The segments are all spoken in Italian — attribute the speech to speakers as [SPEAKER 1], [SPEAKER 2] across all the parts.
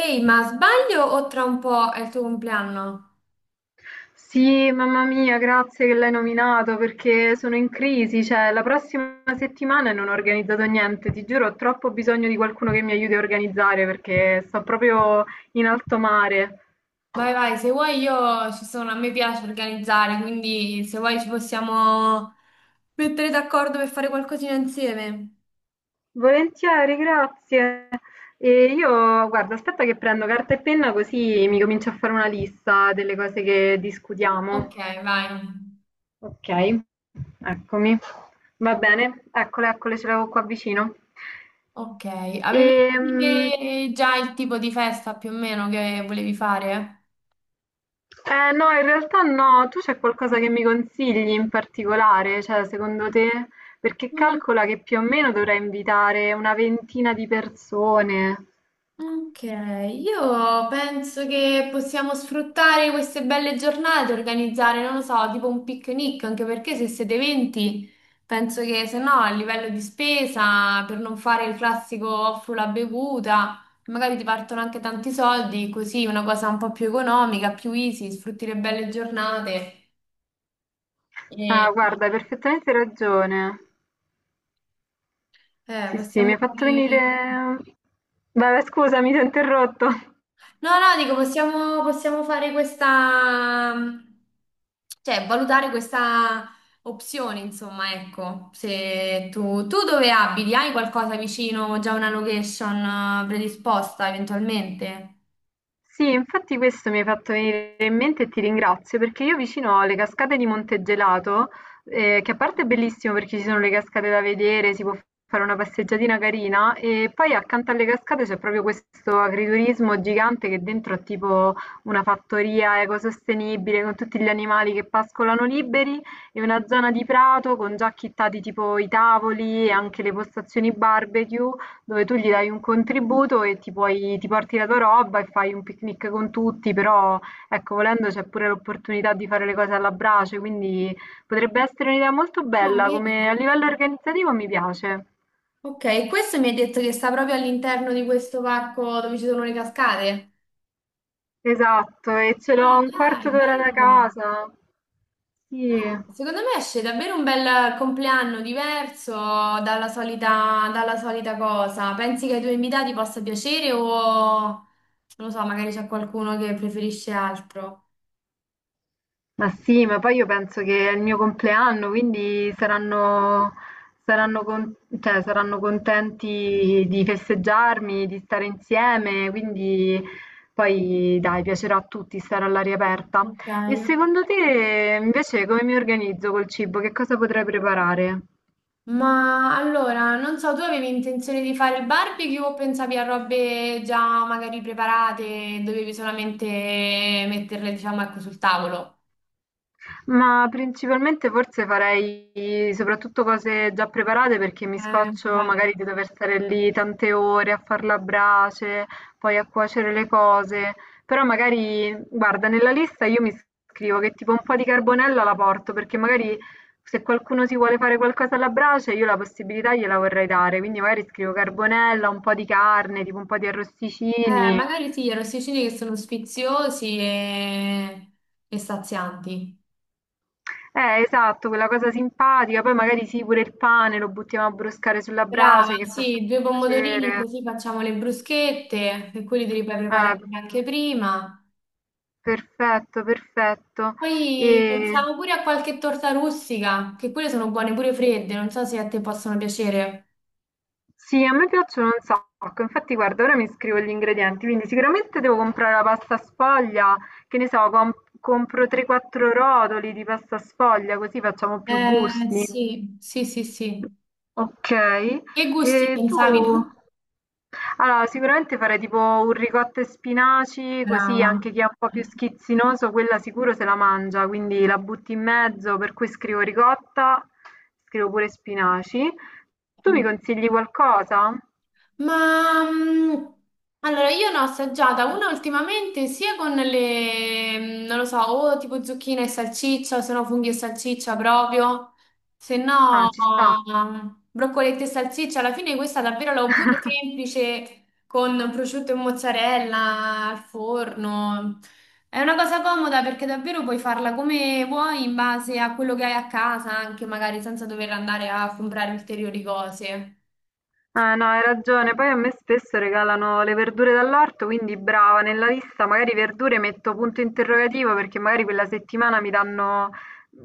[SPEAKER 1] Ehi, ma sbaglio o tra un po' è il tuo compleanno?
[SPEAKER 2] Sì, mamma mia, grazie che l'hai nominato perché sono in crisi, cioè la prossima settimana non ho organizzato niente, ti giuro, ho troppo bisogno di qualcuno che mi aiuti a organizzare perché sto proprio in alto mare.
[SPEAKER 1] Vai, se vuoi io ci sono, a me piace organizzare, quindi se vuoi ci possiamo mettere d'accordo per fare qualcosina insieme.
[SPEAKER 2] Volentieri, grazie. E io, guarda, aspetta che prendo carta e penna così mi comincio a fare una lista delle cose che
[SPEAKER 1] Ok,
[SPEAKER 2] discutiamo.
[SPEAKER 1] vai.
[SPEAKER 2] Ok, eccomi. Va bene, eccole, ce l'avevo qua vicino.
[SPEAKER 1] Ok,
[SPEAKER 2] E,
[SPEAKER 1] avevi detto che già il tipo di festa più o meno che volevi fare?
[SPEAKER 2] Eh no, in realtà no, tu c'è qualcosa che mi consigli in particolare, cioè secondo te? Perché calcola che più o meno dovrei invitare una ventina di persone.
[SPEAKER 1] Ok, io penso che possiamo sfruttare queste belle giornate, organizzare, non lo so, tipo un picnic, anche perché se siete 20, penso che se no a livello di spesa, per non fare il classico offro la bevuta, magari ti partono anche tanti soldi, così una cosa un po' più economica, più easy, sfrutti le belle giornate
[SPEAKER 2] Ah,
[SPEAKER 1] e
[SPEAKER 2] guarda, hai perfettamente ragione.
[SPEAKER 1] eh,
[SPEAKER 2] Sì, sì, mi hai
[SPEAKER 1] possiamo
[SPEAKER 2] fatto
[SPEAKER 1] fare...
[SPEAKER 2] venire... Vabbè, scusami, ti ho interrotto.
[SPEAKER 1] No, no, dico, possiamo fare questa, cioè valutare questa opzione, insomma, ecco, se tu dove abiti, hai qualcosa vicino, già una location predisposta eventualmente?
[SPEAKER 2] Sì, infatti questo mi hai fatto venire in mente e ti ringrazio perché io vicino alle cascate di Montegelato, che a parte è bellissimo perché ci sono le cascate da vedere, si può fare una passeggiatina carina e poi accanto alle cascate c'è proprio questo agriturismo gigante che dentro è tipo una fattoria ecosostenibile con tutti gli animali che pascolano liberi e una zona di prato con già chittati tipo i tavoli e anche le postazioni barbecue dove tu gli dai un contributo e ti puoi, ti porti la tua roba e fai un picnic con tutti, però ecco, volendo c'è pure l'opportunità di fare le cose alla brace, quindi potrebbe essere un'idea molto
[SPEAKER 1] Ah,
[SPEAKER 2] bella, come a
[SPEAKER 1] vedi?
[SPEAKER 2] livello organizzativo mi piace.
[SPEAKER 1] Ok, questo mi ha detto che sta proprio all'interno di questo parco dove ci sono le cascate.
[SPEAKER 2] Esatto, e ce l'ho a
[SPEAKER 1] Ah,
[SPEAKER 2] un
[SPEAKER 1] dai,
[SPEAKER 2] quarto d'ora da
[SPEAKER 1] bello.
[SPEAKER 2] casa. Sì.
[SPEAKER 1] Secondo me esce davvero un bel compleanno diverso dalla solita cosa. Pensi che ai tuoi invitati possa piacere o non lo so, magari c'è qualcuno che preferisce altro?
[SPEAKER 2] Ma sì, ma poi io penso che è il mio compleanno, quindi saranno con- cioè, saranno contenti di festeggiarmi, di stare insieme, quindi poi dai, piacerà a tutti stare all'aria aperta.
[SPEAKER 1] Ok,
[SPEAKER 2] E
[SPEAKER 1] ok.
[SPEAKER 2] secondo te invece come mi organizzo col cibo? Che cosa potrei preparare?
[SPEAKER 1] Ma allora, non so, tu avevi intenzione di fare il barbecue o pensavi a robe già magari preparate, dovevi solamente metterle, diciamo, ecco, sul tavolo?
[SPEAKER 2] Ma principalmente forse farei soprattutto cose già preparate perché mi scoccio
[SPEAKER 1] Infatti.
[SPEAKER 2] magari di dover stare lì tante ore a far la brace, poi a cuocere le cose. Però magari, guarda, nella lista io mi scrivo che tipo un po' di carbonella la porto perché magari se qualcuno si vuole fare qualcosa alla brace io la possibilità gliela vorrei dare. Quindi magari scrivo carbonella, un po' di carne, tipo un po' di arrosticini.
[SPEAKER 1] Magari sì, i arrosticini che sono sfiziosi e sazianti.
[SPEAKER 2] Esatto, quella cosa simpatica, poi magari sì, pure il pane lo buttiamo a broscare sulla
[SPEAKER 1] Brava,
[SPEAKER 2] brace che fa sempre
[SPEAKER 1] sì, due pomodorini
[SPEAKER 2] piacere.
[SPEAKER 1] così facciamo le bruschette e quelli te li puoi
[SPEAKER 2] Eh,
[SPEAKER 1] preparare anche prima.
[SPEAKER 2] perfetto, perfetto.
[SPEAKER 1] Poi
[SPEAKER 2] E
[SPEAKER 1] pensiamo pure a qualche torta rustica, che quelle sono buone pure fredde, non so se a te possono piacere.
[SPEAKER 2] sì, a me piacciono un sacco. Infatti, guarda, ora mi scrivo gli ingredienti, quindi sicuramente devo comprare la pasta sfoglia, che ne so, compro 3-4 rotoli di pasta sfoglia, così facciamo più gusti.
[SPEAKER 1] Sì, sì, sì, sì.
[SPEAKER 2] Ok.
[SPEAKER 1] Che gusti
[SPEAKER 2] E tu?
[SPEAKER 1] pensavi tu?
[SPEAKER 2] Allora, sicuramente farei tipo un ricotta e spinaci, così
[SPEAKER 1] Brava.
[SPEAKER 2] anche chi è un po' più schizzinoso, quella sicuro se la mangia, quindi la butti in mezzo, per cui scrivo ricotta, scrivo pure spinaci. Tu mi
[SPEAKER 1] Mm.
[SPEAKER 2] consigli qualcosa?
[SPEAKER 1] Ma mm, allora io ne ho assaggiata una ultimamente sia con le, non lo so, o tipo zucchine e salsiccia, se no funghi e salsiccia proprio, se
[SPEAKER 2] Ah,
[SPEAKER 1] no
[SPEAKER 2] ci sta.
[SPEAKER 1] broccoletti e salsiccia. Alla fine questa davvero l'ho pure semplice con prosciutto e mozzarella al forno. È una cosa comoda perché davvero puoi farla come vuoi in base a quello che hai a casa, anche magari senza dover andare a comprare ulteriori cose.
[SPEAKER 2] Ah no, hai ragione. Poi a me spesso regalano le verdure dall'orto, quindi brava, nella lista magari verdure metto punto interrogativo perché magari quella settimana mi danno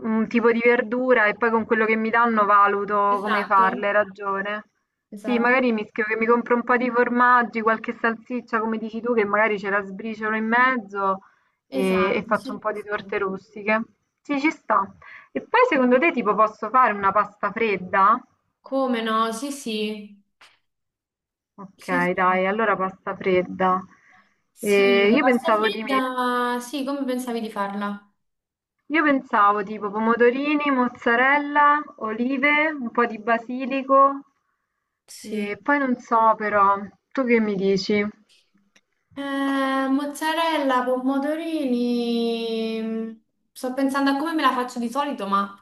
[SPEAKER 2] un tipo di verdura e poi con quello che mi danno valuto come
[SPEAKER 1] Esatto.
[SPEAKER 2] farle, hai ragione. Sì,
[SPEAKER 1] Esatto,
[SPEAKER 2] magari mi scrivo che mi compro un po' di formaggi, qualche salsiccia, come dici tu, che magari ce la sbriciolo in mezzo e,
[SPEAKER 1] esatto,
[SPEAKER 2] faccio un
[SPEAKER 1] sì,
[SPEAKER 2] po'
[SPEAKER 1] sì,
[SPEAKER 2] di
[SPEAKER 1] sì.
[SPEAKER 2] torte rustiche. Sì, ci sta. E poi secondo te tipo posso fare una pasta fredda?
[SPEAKER 1] Come no? Sì, sì, sì,
[SPEAKER 2] Okay,
[SPEAKER 1] sì.
[SPEAKER 2] dai, allora pasta fredda.
[SPEAKER 1] Sì,
[SPEAKER 2] E
[SPEAKER 1] la
[SPEAKER 2] io
[SPEAKER 1] pasta
[SPEAKER 2] pensavo di me-
[SPEAKER 1] fredda, sì, come pensavi di farla?
[SPEAKER 2] io pensavo tipo pomodorini, mozzarella, olive, un po' di basilico e
[SPEAKER 1] Sì.
[SPEAKER 2] poi non so però, tu che mi dici?
[SPEAKER 1] Eh, mozzarella, pomodorini, sto pensando a come me la faccio di solito, ma...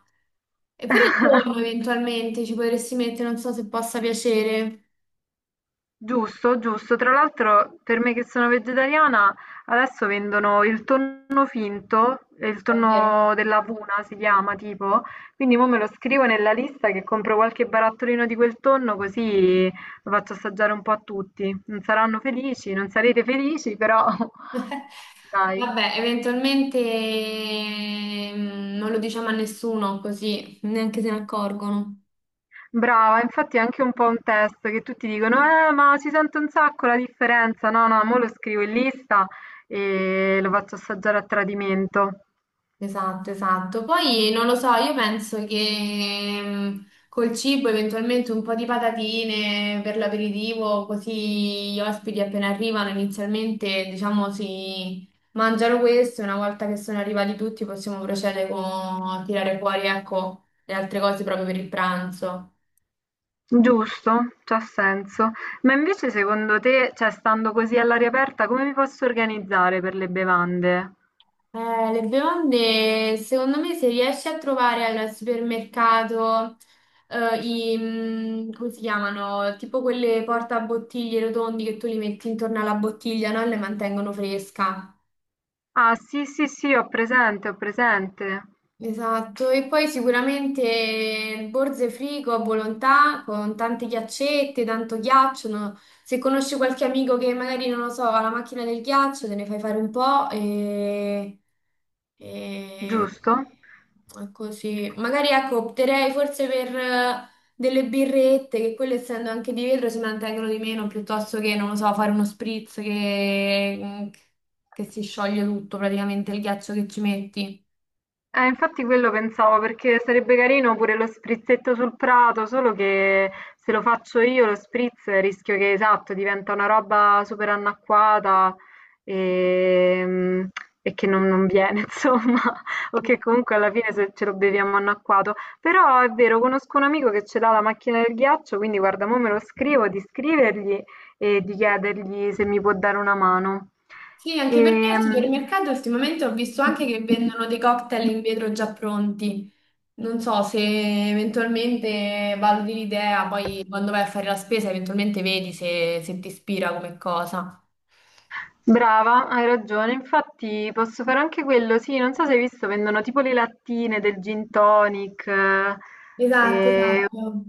[SPEAKER 1] Eppure il tonno eventualmente ci potresti mettere, non so se possa piacere.
[SPEAKER 2] Giusto, giusto. Tra l'altro, per me che sono vegetariana, adesso vendono il tonno finto, il
[SPEAKER 1] Davvero?
[SPEAKER 2] tonno della Puna si chiama tipo, quindi mo me lo scrivo nella lista che compro qualche barattolino di quel tonno così lo faccio assaggiare un po' a tutti. Non saranno felici, non sarete felici, però dai.
[SPEAKER 1] Vabbè, eventualmente non lo diciamo a nessuno così neanche se ne accorgono.
[SPEAKER 2] Brava, infatti è anche un po' un test che tutti dicono, ma si sente un sacco la differenza. No, no, mo lo scrivo in lista e lo faccio assaggiare a tradimento.
[SPEAKER 1] Esatto, esatto. Poi non lo so, io penso che mm, col cibo eventualmente un po' di patatine per l'aperitivo, così gli ospiti appena arrivano inizialmente, diciamo, si mangiano questo e una volta che sono arrivati tutti possiamo procedere con a tirare fuori, ecco, le altre cose proprio per il pranzo.
[SPEAKER 2] Giusto, c'ha senso. Ma invece secondo te, cioè stando così all'aria aperta, come mi posso organizzare per le bevande?
[SPEAKER 1] Le bevande, secondo me, se riesci a trovare al supermercato eh, come si chiamano? Tipo quelle portabottiglie rotondi che tu li metti intorno alla bottiglia, no? E le mantengono fresca.
[SPEAKER 2] Ah, sì, sì, sì, ho presente, ho presente.
[SPEAKER 1] Esatto, e poi sicuramente Borze Frigo a Volontà con tante ghiaccette, tanto ghiaccio. No? Se conosci qualche amico che magari non lo so, ha la macchina del ghiaccio, te ne fai fare un po' e-
[SPEAKER 2] Giusto?
[SPEAKER 1] e così. Magari ecco, opterei forse per delle birrette, che quelle essendo anche di vetro si mantengono di meno, piuttosto che, non lo so, fare uno spritz che si scioglie tutto praticamente il ghiaccio che ci metti.
[SPEAKER 2] Infatti quello pensavo perché sarebbe carino pure lo sprizzetto sul prato, solo che se lo faccio io lo spritz rischio che esatto diventa una roba super annacquata e, e che non, non viene insomma, o che comunque alla fine se ce lo beviamo annacquato. Però è vero, conosco un amico che ce l'ha la macchina del ghiaccio, quindi guarda, mo me lo scrivo di scrivergli e di chiedergli se mi può dare una mano.
[SPEAKER 1] Sì, anche perché al
[SPEAKER 2] Ehm,
[SPEAKER 1] supermercato ultimamente ho visto anche che vendono dei cocktail in vetro già pronti. Non so se eventualmente valuti l'idea, poi quando vai a fare la spesa eventualmente vedi se, se ti ispira come cosa.
[SPEAKER 2] Brava, hai ragione. Infatti posso fare anche quello. Sì, non so se hai visto, vendono tipo le lattine del gin tonic,
[SPEAKER 1] Esatto,
[SPEAKER 2] e-
[SPEAKER 1] esatto.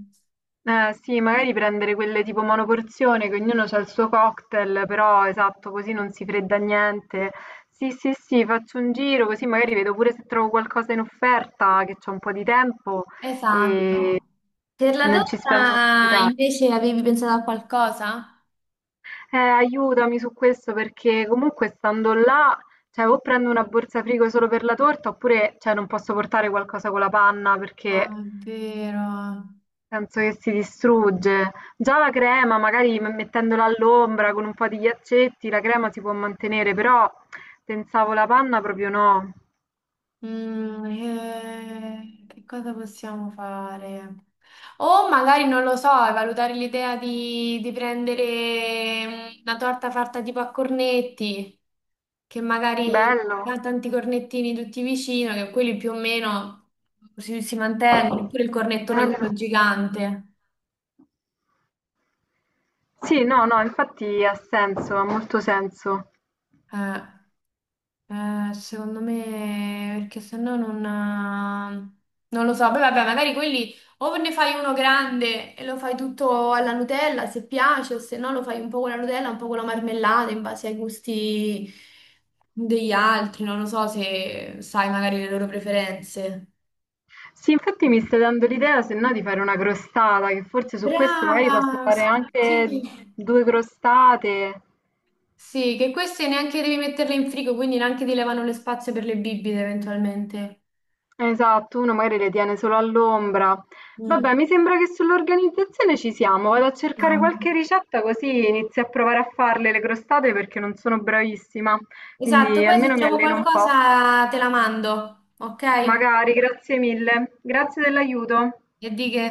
[SPEAKER 2] sì, magari prendere quelle tipo monoporzione, che ognuno ha il suo cocktail, però esatto, così non si fredda niente. Sì, sì, sì, faccio un giro così magari vedo pure se trovo qualcosa in offerta, che c'ho un po' di tempo e,
[SPEAKER 1] Esatto. Per la
[SPEAKER 2] non ci spendo un
[SPEAKER 1] torta
[SPEAKER 2] capitale.
[SPEAKER 1] invece avevi pensato a qualcosa?
[SPEAKER 2] Aiutami su questo perché comunque stando là, cioè o prendo una borsa frigo solo per la torta oppure cioè, non posso portare qualcosa con la panna
[SPEAKER 1] Ah,
[SPEAKER 2] perché
[SPEAKER 1] è vero.
[SPEAKER 2] penso che si distrugge. Già la crema, magari mettendola all'ombra con un po' di ghiaccetti, la crema si può mantenere, però pensavo la panna proprio no.
[SPEAKER 1] Che cosa possiamo fare? O magari, non lo so, valutare l'idea di prendere una torta fatta tipo a cornetti, che magari
[SPEAKER 2] Bello,
[SPEAKER 1] ha tanti cornettini tutti vicino, che quelli più o meno si mantengono, oppure il cornettone
[SPEAKER 2] bello.
[SPEAKER 1] quello gigante.
[SPEAKER 2] Sì, no, no, infatti ha senso, ha molto senso.
[SPEAKER 1] Eh. Secondo me, perché sennò non lo so. Poi vabbè, magari quelli o ne fai uno grande e lo fai tutto alla Nutella se piace, o se no lo fai un po' con la Nutella, un po' con la marmellata in base ai gusti degli altri. Non lo so se sai magari le loro preferenze.
[SPEAKER 2] Sì, infatti mi stai dando l'idea, se no, di fare una crostata, che forse su questo magari posso
[SPEAKER 1] Brava,
[SPEAKER 2] fare
[SPEAKER 1] sì,
[SPEAKER 2] anche
[SPEAKER 1] sì.
[SPEAKER 2] due crostate.
[SPEAKER 1] Sì, che queste neanche devi metterle in frigo, quindi neanche ti levano le spazie per le bibite eventualmente.
[SPEAKER 2] Esatto, uno magari le tiene solo all'ombra.
[SPEAKER 1] Mm.
[SPEAKER 2] Vabbè, mi sembra che sull'organizzazione ci siamo. Vado a cercare
[SPEAKER 1] No.
[SPEAKER 2] qualche ricetta così inizio a provare a farle le crostate perché non sono bravissima.
[SPEAKER 1] Esatto,
[SPEAKER 2] Quindi
[SPEAKER 1] poi se
[SPEAKER 2] almeno mi
[SPEAKER 1] trovo
[SPEAKER 2] alleno un po'.
[SPEAKER 1] qualcosa te la mando, ok?
[SPEAKER 2] Magari, grazie mille. Grazie dell'aiuto.
[SPEAKER 1] E di che?